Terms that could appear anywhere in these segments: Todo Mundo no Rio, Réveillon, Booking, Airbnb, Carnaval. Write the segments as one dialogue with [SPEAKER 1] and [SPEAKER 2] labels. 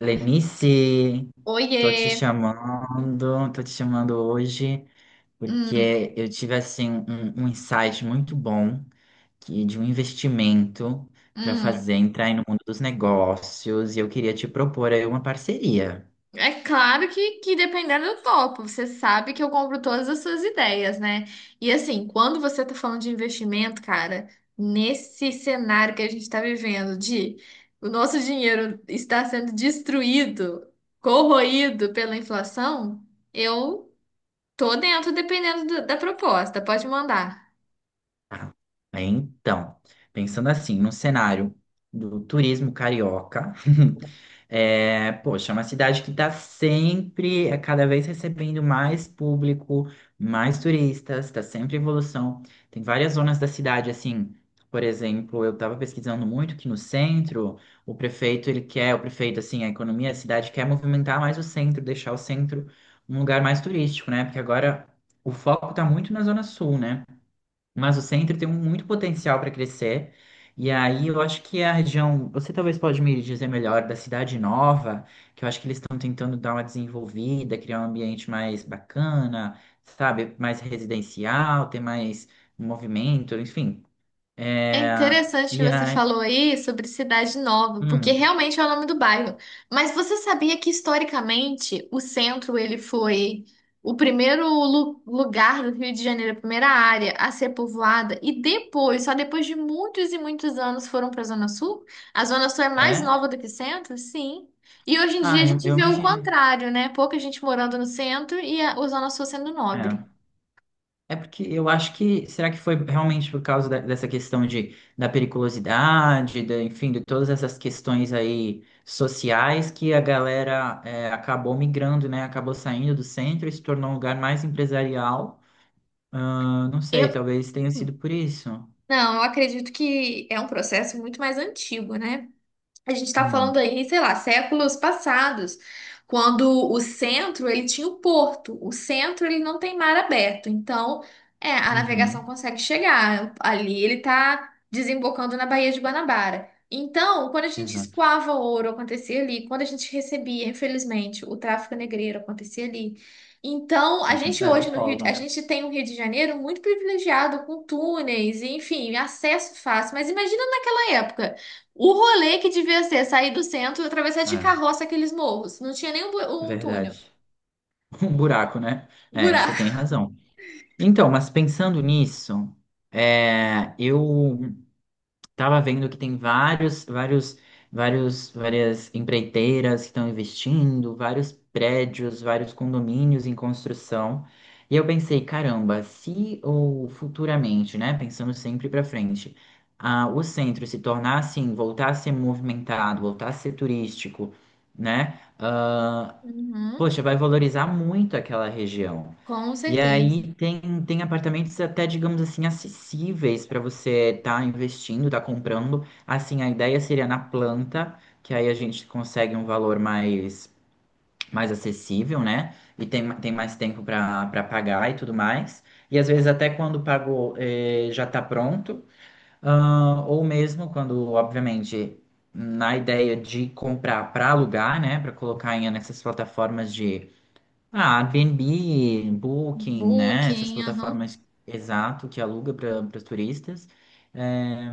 [SPEAKER 1] Lenice, tô te
[SPEAKER 2] Oiê!
[SPEAKER 1] chamando, tô te chamando hoje
[SPEAKER 2] Hum,
[SPEAKER 1] porque eu tive assim um insight muito bom que de um investimento para
[SPEAKER 2] hum.
[SPEAKER 1] fazer entrar aí no mundo dos negócios e eu queria te propor aí uma parceria.
[SPEAKER 2] É claro que dependendo do topo, você sabe que eu compro todas as suas ideias, né? E assim, quando você tá falando de investimento, cara, nesse cenário que a gente tá vivendo, de o nosso dinheiro está sendo destruído, corroído pela inflação, eu tô dentro dependendo da proposta. Pode mandar.
[SPEAKER 1] Ah, então, pensando assim, no cenário do turismo carioca, é, poxa, é uma cidade que está sempre, é, cada vez recebendo mais público, mais turistas, está sempre em evolução. Tem várias zonas da cidade, assim, por exemplo, eu estava pesquisando muito que no centro, o prefeito, ele quer, o prefeito, assim, a economia da cidade quer movimentar mais o centro, deixar o centro um lugar mais turístico, né? Porque agora o foco está muito na Zona Sul, né? Mas o centro tem muito potencial para crescer. E aí eu acho que a região, você talvez pode me dizer melhor da Cidade Nova, que eu acho que eles estão tentando dar uma desenvolvida, criar um ambiente mais bacana, sabe, mais residencial, ter mais movimento, enfim.
[SPEAKER 2] É
[SPEAKER 1] É,
[SPEAKER 2] interessante que
[SPEAKER 1] e
[SPEAKER 2] você
[SPEAKER 1] aí,
[SPEAKER 2] falou aí sobre Cidade Nova, porque
[SPEAKER 1] hum,
[SPEAKER 2] realmente é o nome do bairro. Mas você sabia que historicamente o centro ele foi o primeiro lugar do Rio de Janeiro, a primeira área a ser povoada e depois, só depois de muitos e muitos anos foram para a Zona Sul? A Zona Sul é mais
[SPEAKER 1] é?
[SPEAKER 2] nova do que o centro? Sim. E hoje em dia
[SPEAKER 1] Ah,
[SPEAKER 2] a
[SPEAKER 1] eu,
[SPEAKER 2] gente
[SPEAKER 1] eu
[SPEAKER 2] vê o
[SPEAKER 1] imagino.
[SPEAKER 2] contrário, né? Pouca gente morando no centro e a Zona Sul sendo nobre.
[SPEAKER 1] É. É porque eu acho que, será que foi realmente por causa dessa questão da periculosidade, da, enfim, de todas essas questões aí sociais que a galera é, acabou migrando, né? Acabou saindo do centro e se tornou um lugar mais empresarial. Ah, não
[SPEAKER 2] Eu,
[SPEAKER 1] sei, talvez tenha sido por isso.
[SPEAKER 2] não, eu acredito que é um processo muito mais antigo, né? A gente está falando
[SPEAKER 1] Hum,
[SPEAKER 2] aí, sei lá, séculos passados, quando o centro ele tinha o porto. O centro ele não tem mar aberto, então a navegação
[SPEAKER 1] uhum,
[SPEAKER 2] consegue chegar ali. Ele está desembocando na Baía de Guanabara. Então, quando a gente
[SPEAKER 1] exato.
[SPEAKER 2] escoava ouro, acontecia ali. Quando a gente recebia, infelizmente, o tráfico negreiro acontecia ali. Então, a
[SPEAKER 1] Uhum.
[SPEAKER 2] gente
[SPEAKER 1] Era o
[SPEAKER 2] hoje no Rio,
[SPEAKER 1] polo,
[SPEAKER 2] a
[SPEAKER 1] né?
[SPEAKER 2] gente tem um Rio de Janeiro muito privilegiado com túneis e, enfim, acesso fácil. Mas imagina naquela época. O rolê que devia ser sair do centro e atravessar de
[SPEAKER 1] É,
[SPEAKER 2] carroça aqueles morros. Não tinha nem um, um túnel.
[SPEAKER 1] verdade. Um buraco, né? É, você
[SPEAKER 2] Buraco.
[SPEAKER 1] tem razão. Então, mas pensando nisso, é, eu tava vendo que tem várias empreiteiras que estão investindo, vários prédios, vários condomínios em construção. E eu pensei, caramba, se ou futuramente, né, pensando sempre para frente, ah, o centro se tornar assim, voltar a ser movimentado, voltar a ser turístico, né?
[SPEAKER 2] Uhum,
[SPEAKER 1] Poxa, vai valorizar muito aquela região.
[SPEAKER 2] com
[SPEAKER 1] E
[SPEAKER 2] certeza.
[SPEAKER 1] aí tem apartamentos até, digamos assim, acessíveis para você estar investindo, estar comprando. Assim, a ideia seria na planta, que aí a gente consegue um valor mais, mais acessível, né? E tem mais tempo para pagar e tudo mais. E às vezes até quando pagou eh, já está pronto. Ah, ou mesmo quando, obviamente, na ideia de comprar para alugar, né? Para colocar em nessas plataformas de ah, Airbnb, Booking, né? Essas
[SPEAKER 2] Booking, aham.
[SPEAKER 1] plataformas exato que aluga para os turistas. É,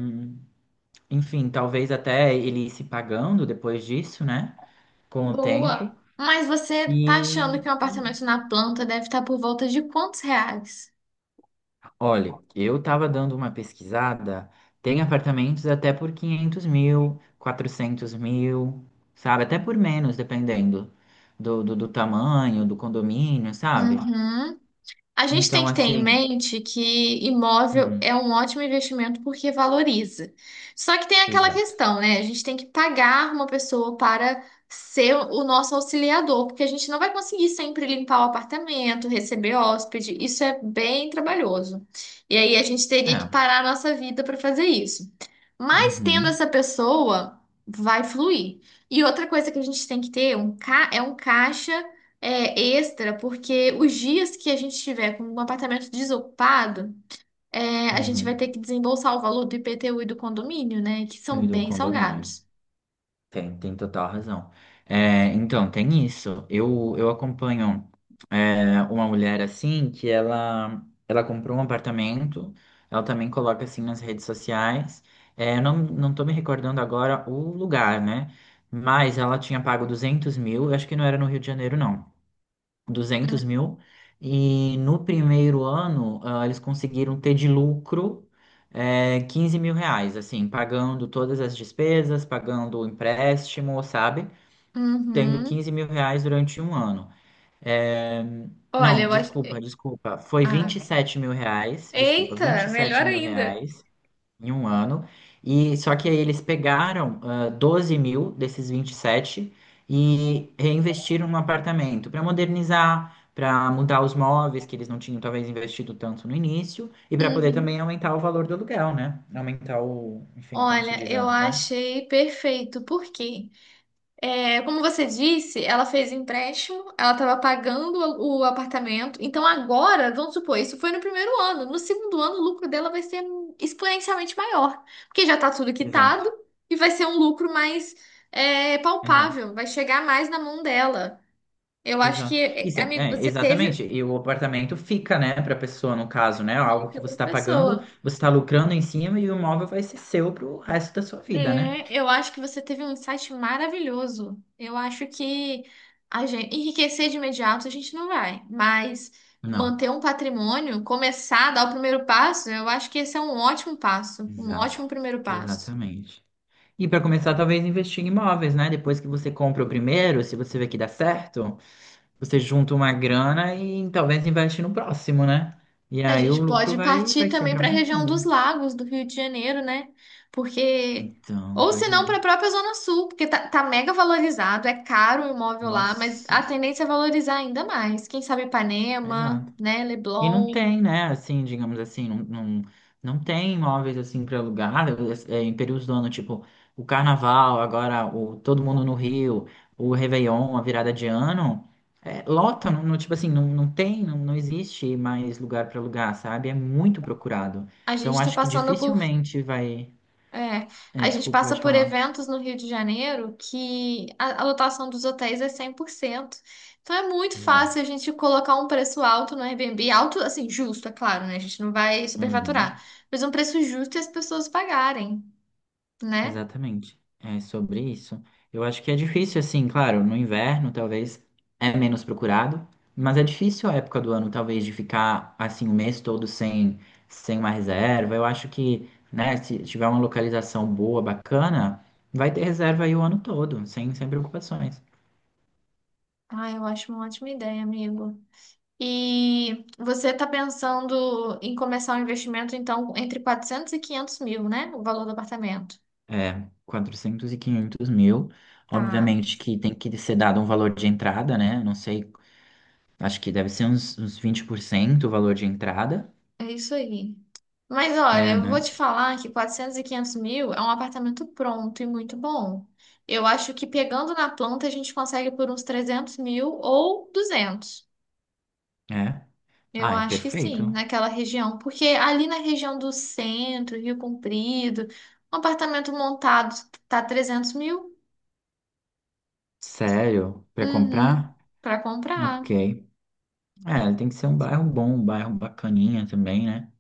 [SPEAKER 1] enfim, talvez até ele ir se pagando depois disso, né? Com o
[SPEAKER 2] Boa.
[SPEAKER 1] tempo.
[SPEAKER 2] Mas você tá achando
[SPEAKER 1] E
[SPEAKER 2] que um apartamento na planta deve estar por volta de quantos reais?
[SPEAKER 1] olha, eu estava dando uma pesquisada, tem apartamentos até por 500 mil, 400 mil, sabe? Até por menos, dependendo do tamanho, do condomínio, sabe?
[SPEAKER 2] Uhum. A gente tem
[SPEAKER 1] Então,
[SPEAKER 2] que ter em
[SPEAKER 1] assim.
[SPEAKER 2] mente que imóvel
[SPEAKER 1] Hum,
[SPEAKER 2] é um ótimo investimento porque valoriza. Só que tem aquela
[SPEAKER 1] exato.
[SPEAKER 2] questão, né? A gente tem que pagar uma pessoa para ser o nosso auxiliador, porque a gente não vai conseguir sempre limpar o apartamento, receber hóspede. Isso é bem trabalhoso. E aí a gente teria que
[SPEAKER 1] É.
[SPEAKER 2] parar a nossa vida para fazer isso. Mas tendo
[SPEAKER 1] Uhum.
[SPEAKER 2] essa pessoa, vai fluir. E outra coisa que a gente tem que ter um caixa extra, porque os dias que a gente tiver com um apartamento desocupado, a gente vai
[SPEAKER 1] Uhum.
[SPEAKER 2] ter que desembolsar o valor do IPTU e do condomínio, né? Que são
[SPEAKER 1] E do
[SPEAKER 2] bem
[SPEAKER 1] condomínio.
[SPEAKER 2] salgados.
[SPEAKER 1] Tem total razão. É, então, tem isso. Eu acompanho é, uma mulher assim que ela comprou um apartamento, ela também coloca assim nas redes sociais. É, eu não tô me recordando agora o lugar, né? Mas ela tinha pago 200 mil, eu acho que não era no Rio de Janeiro, não. 200 mil. E no primeiro ano, ah, eles conseguiram ter de lucro, eh, 15 mil reais, assim, pagando todas as despesas, pagando o empréstimo, sabe? Tendo
[SPEAKER 2] Uhum.
[SPEAKER 1] 15 mil reais durante um ano. Eh,
[SPEAKER 2] Olha,
[SPEAKER 1] não,
[SPEAKER 2] eu acho.
[SPEAKER 1] desculpa,
[SPEAKER 2] é,
[SPEAKER 1] desculpa. Foi vinte e
[SPEAKER 2] Ah.
[SPEAKER 1] sete mil reais, desculpa, vinte
[SPEAKER 2] Eita,
[SPEAKER 1] e sete
[SPEAKER 2] melhor
[SPEAKER 1] mil
[SPEAKER 2] ainda.
[SPEAKER 1] reais em um ano. E só que aí eles pegaram ah, 12 mil desses 27 e sete e reinvestiram no apartamento para modernizar, para mudar os móveis que eles não tinham talvez investido tanto no início e para poder também
[SPEAKER 2] Uhum.
[SPEAKER 1] aumentar o valor do aluguel, né? Aumentar o, enfim, como se
[SPEAKER 2] Olha,
[SPEAKER 1] diz,
[SPEAKER 2] eu
[SPEAKER 1] né?
[SPEAKER 2] achei perfeito. Por quê? É, como você disse, ela fez empréstimo, ela estava pagando o apartamento. Então agora, vamos supor, isso foi no primeiro ano. No segundo ano, o lucro dela vai ser exponencialmente maior, porque já está tudo quitado
[SPEAKER 1] Exato,
[SPEAKER 2] e vai ser um lucro mais
[SPEAKER 1] exato.
[SPEAKER 2] palpável, vai chegar mais na mão dela. Eu acho que,
[SPEAKER 1] Exato.
[SPEAKER 2] é,
[SPEAKER 1] Isso é,
[SPEAKER 2] amigo,
[SPEAKER 1] é,
[SPEAKER 2] você teve
[SPEAKER 1] exatamente. E o apartamento fica, né, para a pessoa, no caso, né? Algo que
[SPEAKER 2] dica
[SPEAKER 1] você
[SPEAKER 2] para
[SPEAKER 1] está pagando,
[SPEAKER 2] pessoa.
[SPEAKER 1] você está lucrando em cima e o imóvel vai ser seu para o resto da sua vida, né?
[SPEAKER 2] É, eu acho que você teve um insight maravilhoso. Eu acho que a gente enriquecer de imediato a gente não vai, mas
[SPEAKER 1] Não.
[SPEAKER 2] manter um patrimônio, começar a dar o primeiro passo, eu acho que esse é um ótimo passo, um
[SPEAKER 1] Exato,
[SPEAKER 2] ótimo primeiro passo.
[SPEAKER 1] exatamente. E para começar, talvez investir em imóveis, né? Depois que você compra o primeiro, se você vê que dá certo, você junta uma grana e talvez investe no próximo, né? E
[SPEAKER 2] A
[SPEAKER 1] aí o
[SPEAKER 2] gente
[SPEAKER 1] lucro
[SPEAKER 2] pode
[SPEAKER 1] vai,
[SPEAKER 2] partir
[SPEAKER 1] vai
[SPEAKER 2] também
[SPEAKER 1] sempre
[SPEAKER 2] para a região dos
[SPEAKER 1] aumentando.
[SPEAKER 2] lagos do Rio de Janeiro, né? Porque
[SPEAKER 1] Então,
[SPEAKER 2] ou se
[SPEAKER 1] pois é.
[SPEAKER 2] não para a própria Zona Sul, porque tá mega valorizado, é caro o imóvel lá, mas
[SPEAKER 1] Nossa,
[SPEAKER 2] a tendência é valorizar ainda mais. Quem sabe Ipanema,
[SPEAKER 1] exato.
[SPEAKER 2] né?
[SPEAKER 1] E não
[SPEAKER 2] Leblon.
[SPEAKER 1] tem, né? Assim, digamos assim, não, não, não tem imóveis assim para alugar em períodos do ano, tipo o Carnaval, agora o Todo Mundo no Rio, o Réveillon, a virada de ano. É, lota, não, não, tipo assim, não, não tem, não, não existe mais lugar para alugar, sabe? É muito procurado.
[SPEAKER 2] A gente
[SPEAKER 1] Então
[SPEAKER 2] está
[SPEAKER 1] acho que
[SPEAKER 2] passando por.
[SPEAKER 1] dificilmente vai.
[SPEAKER 2] é,
[SPEAKER 1] É,
[SPEAKER 2] a gente
[SPEAKER 1] desculpa,
[SPEAKER 2] passa
[SPEAKER 1] pode
[SPEAKER 2] por
[SPEAKER 1] falar.
[SPEAKER 2] eventos no Rio de Janeiro que a lotação dos hotéis é 100%. Então é muito fácil
[SPEAKER 1] Exato.
[SPEAKER 2] a gente colocar um preço alto no Airbnb, alto, assim, justo, é claro, né? A gente não vai
[SPEAKER 1] Uhum.
[SPEAKER 2] superfaturar, mas um preço justo e as pessoas pagarem, né?
[SPEAKER 1] Exatamente. É sobre isso. Eu acho que é difícil, assim, claro, no inverno talvez é menos procurado, mas é difícil a época do ano, talvez, de ficar assim o mês todo sem uma reserva. Eu acho que, né, se tiver uma localização boa, bacana, vai ter reserva aí o ano todo, sem preocupações.
[SPEAKER 2] Ah, eu acho uma ótima ideia, amigo. E você está pensando em começar um investimento, então, entre 400 e 500 mil, né? O valor do apartamento.
[SPEAKER 1] É, 400 e 500 mil.
[SPEAKER 2] Tá.
[SPEAKER 1] Obviamente que tem que ser dado um valor de entrada, né? Não sei, acho que deve ser uns 20% o valor de entrada.
[SPEAKER 2] É isso aí. Mas olha,
[SPEAKER 1] É,
[SPEAKER 2] eu vou
[SPEAKER 1] né?
[SPEAKER 2] te falar que 400 e 500 mil é um apartamento pronto e muito bom. Eu acho que pegando na planta a gente consegue por uns 300 mil ou 200.
[SPEAKER 1] É.
[SPEAKER 2] Eu
[SPEAKER 1] Ah, é
[SPEAKER 2] acho que
[SPEAKER 1] perfeito.
[SPEAKER 2] sim, naquela região. Porque ali na região do centro, Rio Comprido, um apartamento montado tá 300 mil?
[SPEAKER 1] Sério? Pra
[SPEAKER 2] Uhum,
[SPEAKER 1] comprar?
[SPEAKER 2] para comprar.
[SPEAKER 1] Ok. É, tem que ser um bairro bom, um bairro bacaninha também, né?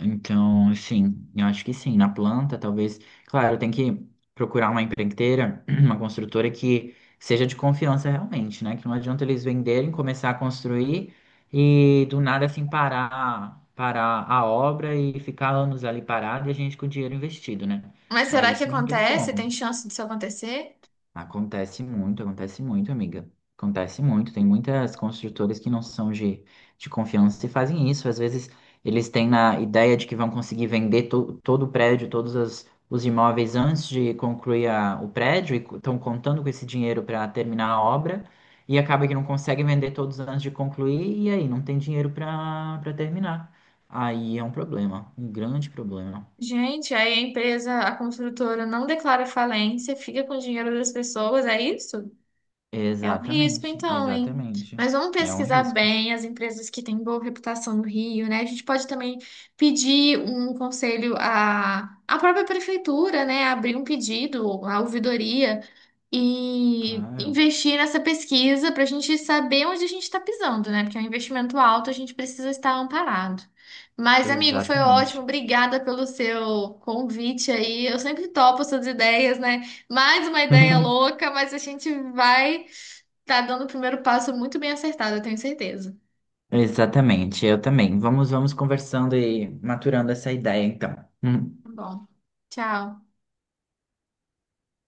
[SPEAKER 1] Então, assim, eu acho que sim. Na planta, talvez. Claro, tem que procurar uma empreiteira, uma construtora que seja de confiança realmente, né? Que não adianta eles venderem, começar a construir e do nada, assim, parar a obra e ficar anos ali parado e a gente com o dinheiro investido, né?
[SPEAKER 2] Mas
[SPEAKER 1] Aí
[SPEAKER 2] será que
[SPEAKER 1] isso não tem
[SPEAKER 2] acontece? Tem
[SPEAKER 1] como.
[SPEAKER 2] chance disso acontecer?
[SPEAKER 1] Acontece muito, amiga. Acontece muito. Tem muitas construtoras que não são de confiança e fazem isso. Às vezes eles têm na ideia de que vão conseguir vender todo o prédio, todos os imóveis antes de concluir o prédio e estão contando com esse dinheiro para terminar a obra e acaba que não conseguem vender todos antes de concluir e aí não tem dinheiro para terminar. Aí é um problema, um grande problema.
[SPEAKER 2] Gente, aí a empresa, a construtora não declara falência, fica com o dinheiro das pessoas, é isso? É um risco,
[SPEAKER 1] Exatamente,
[SPEAKER 2] então, hein?
[SPEAKER 1] exatamente.
[SPEAKER 2] Mas vamos
[SPEAKER 1] É um
[SPEAKER 2] pesquisar
[SPEAKER 1] risco,
[SPEAKER 2] bem as empresas que têm boa reputação no Rio, né? A gente pode também pedir um conselho à, à própria prefeitura, né? Abrir um pedido à ouvidoria e
[SPEAKER 1] claro.
[SPEAKER 2] investir nessa pesquisa para a gente saber onde a gente está pisando, né? Porque é um investimento alto, a gente precisa estar amparado. Mas, amigo, foi ótimo.
[SPEAKER 1] Exatamente.
[SPEAKER 2] Obrigada pelo seu convite aí. Eu sempre topo suas ideias, né? Mais uma ideia louca, mas a gente vai. Tá dando o primeiro passo muito bem acertado, eu tenho certeza.
[SPEAKER 1] Exatamente, eu também. Vamos conversando e maturando essa ideia, então.
[SPEAKER 2] Tá bom. Tchau.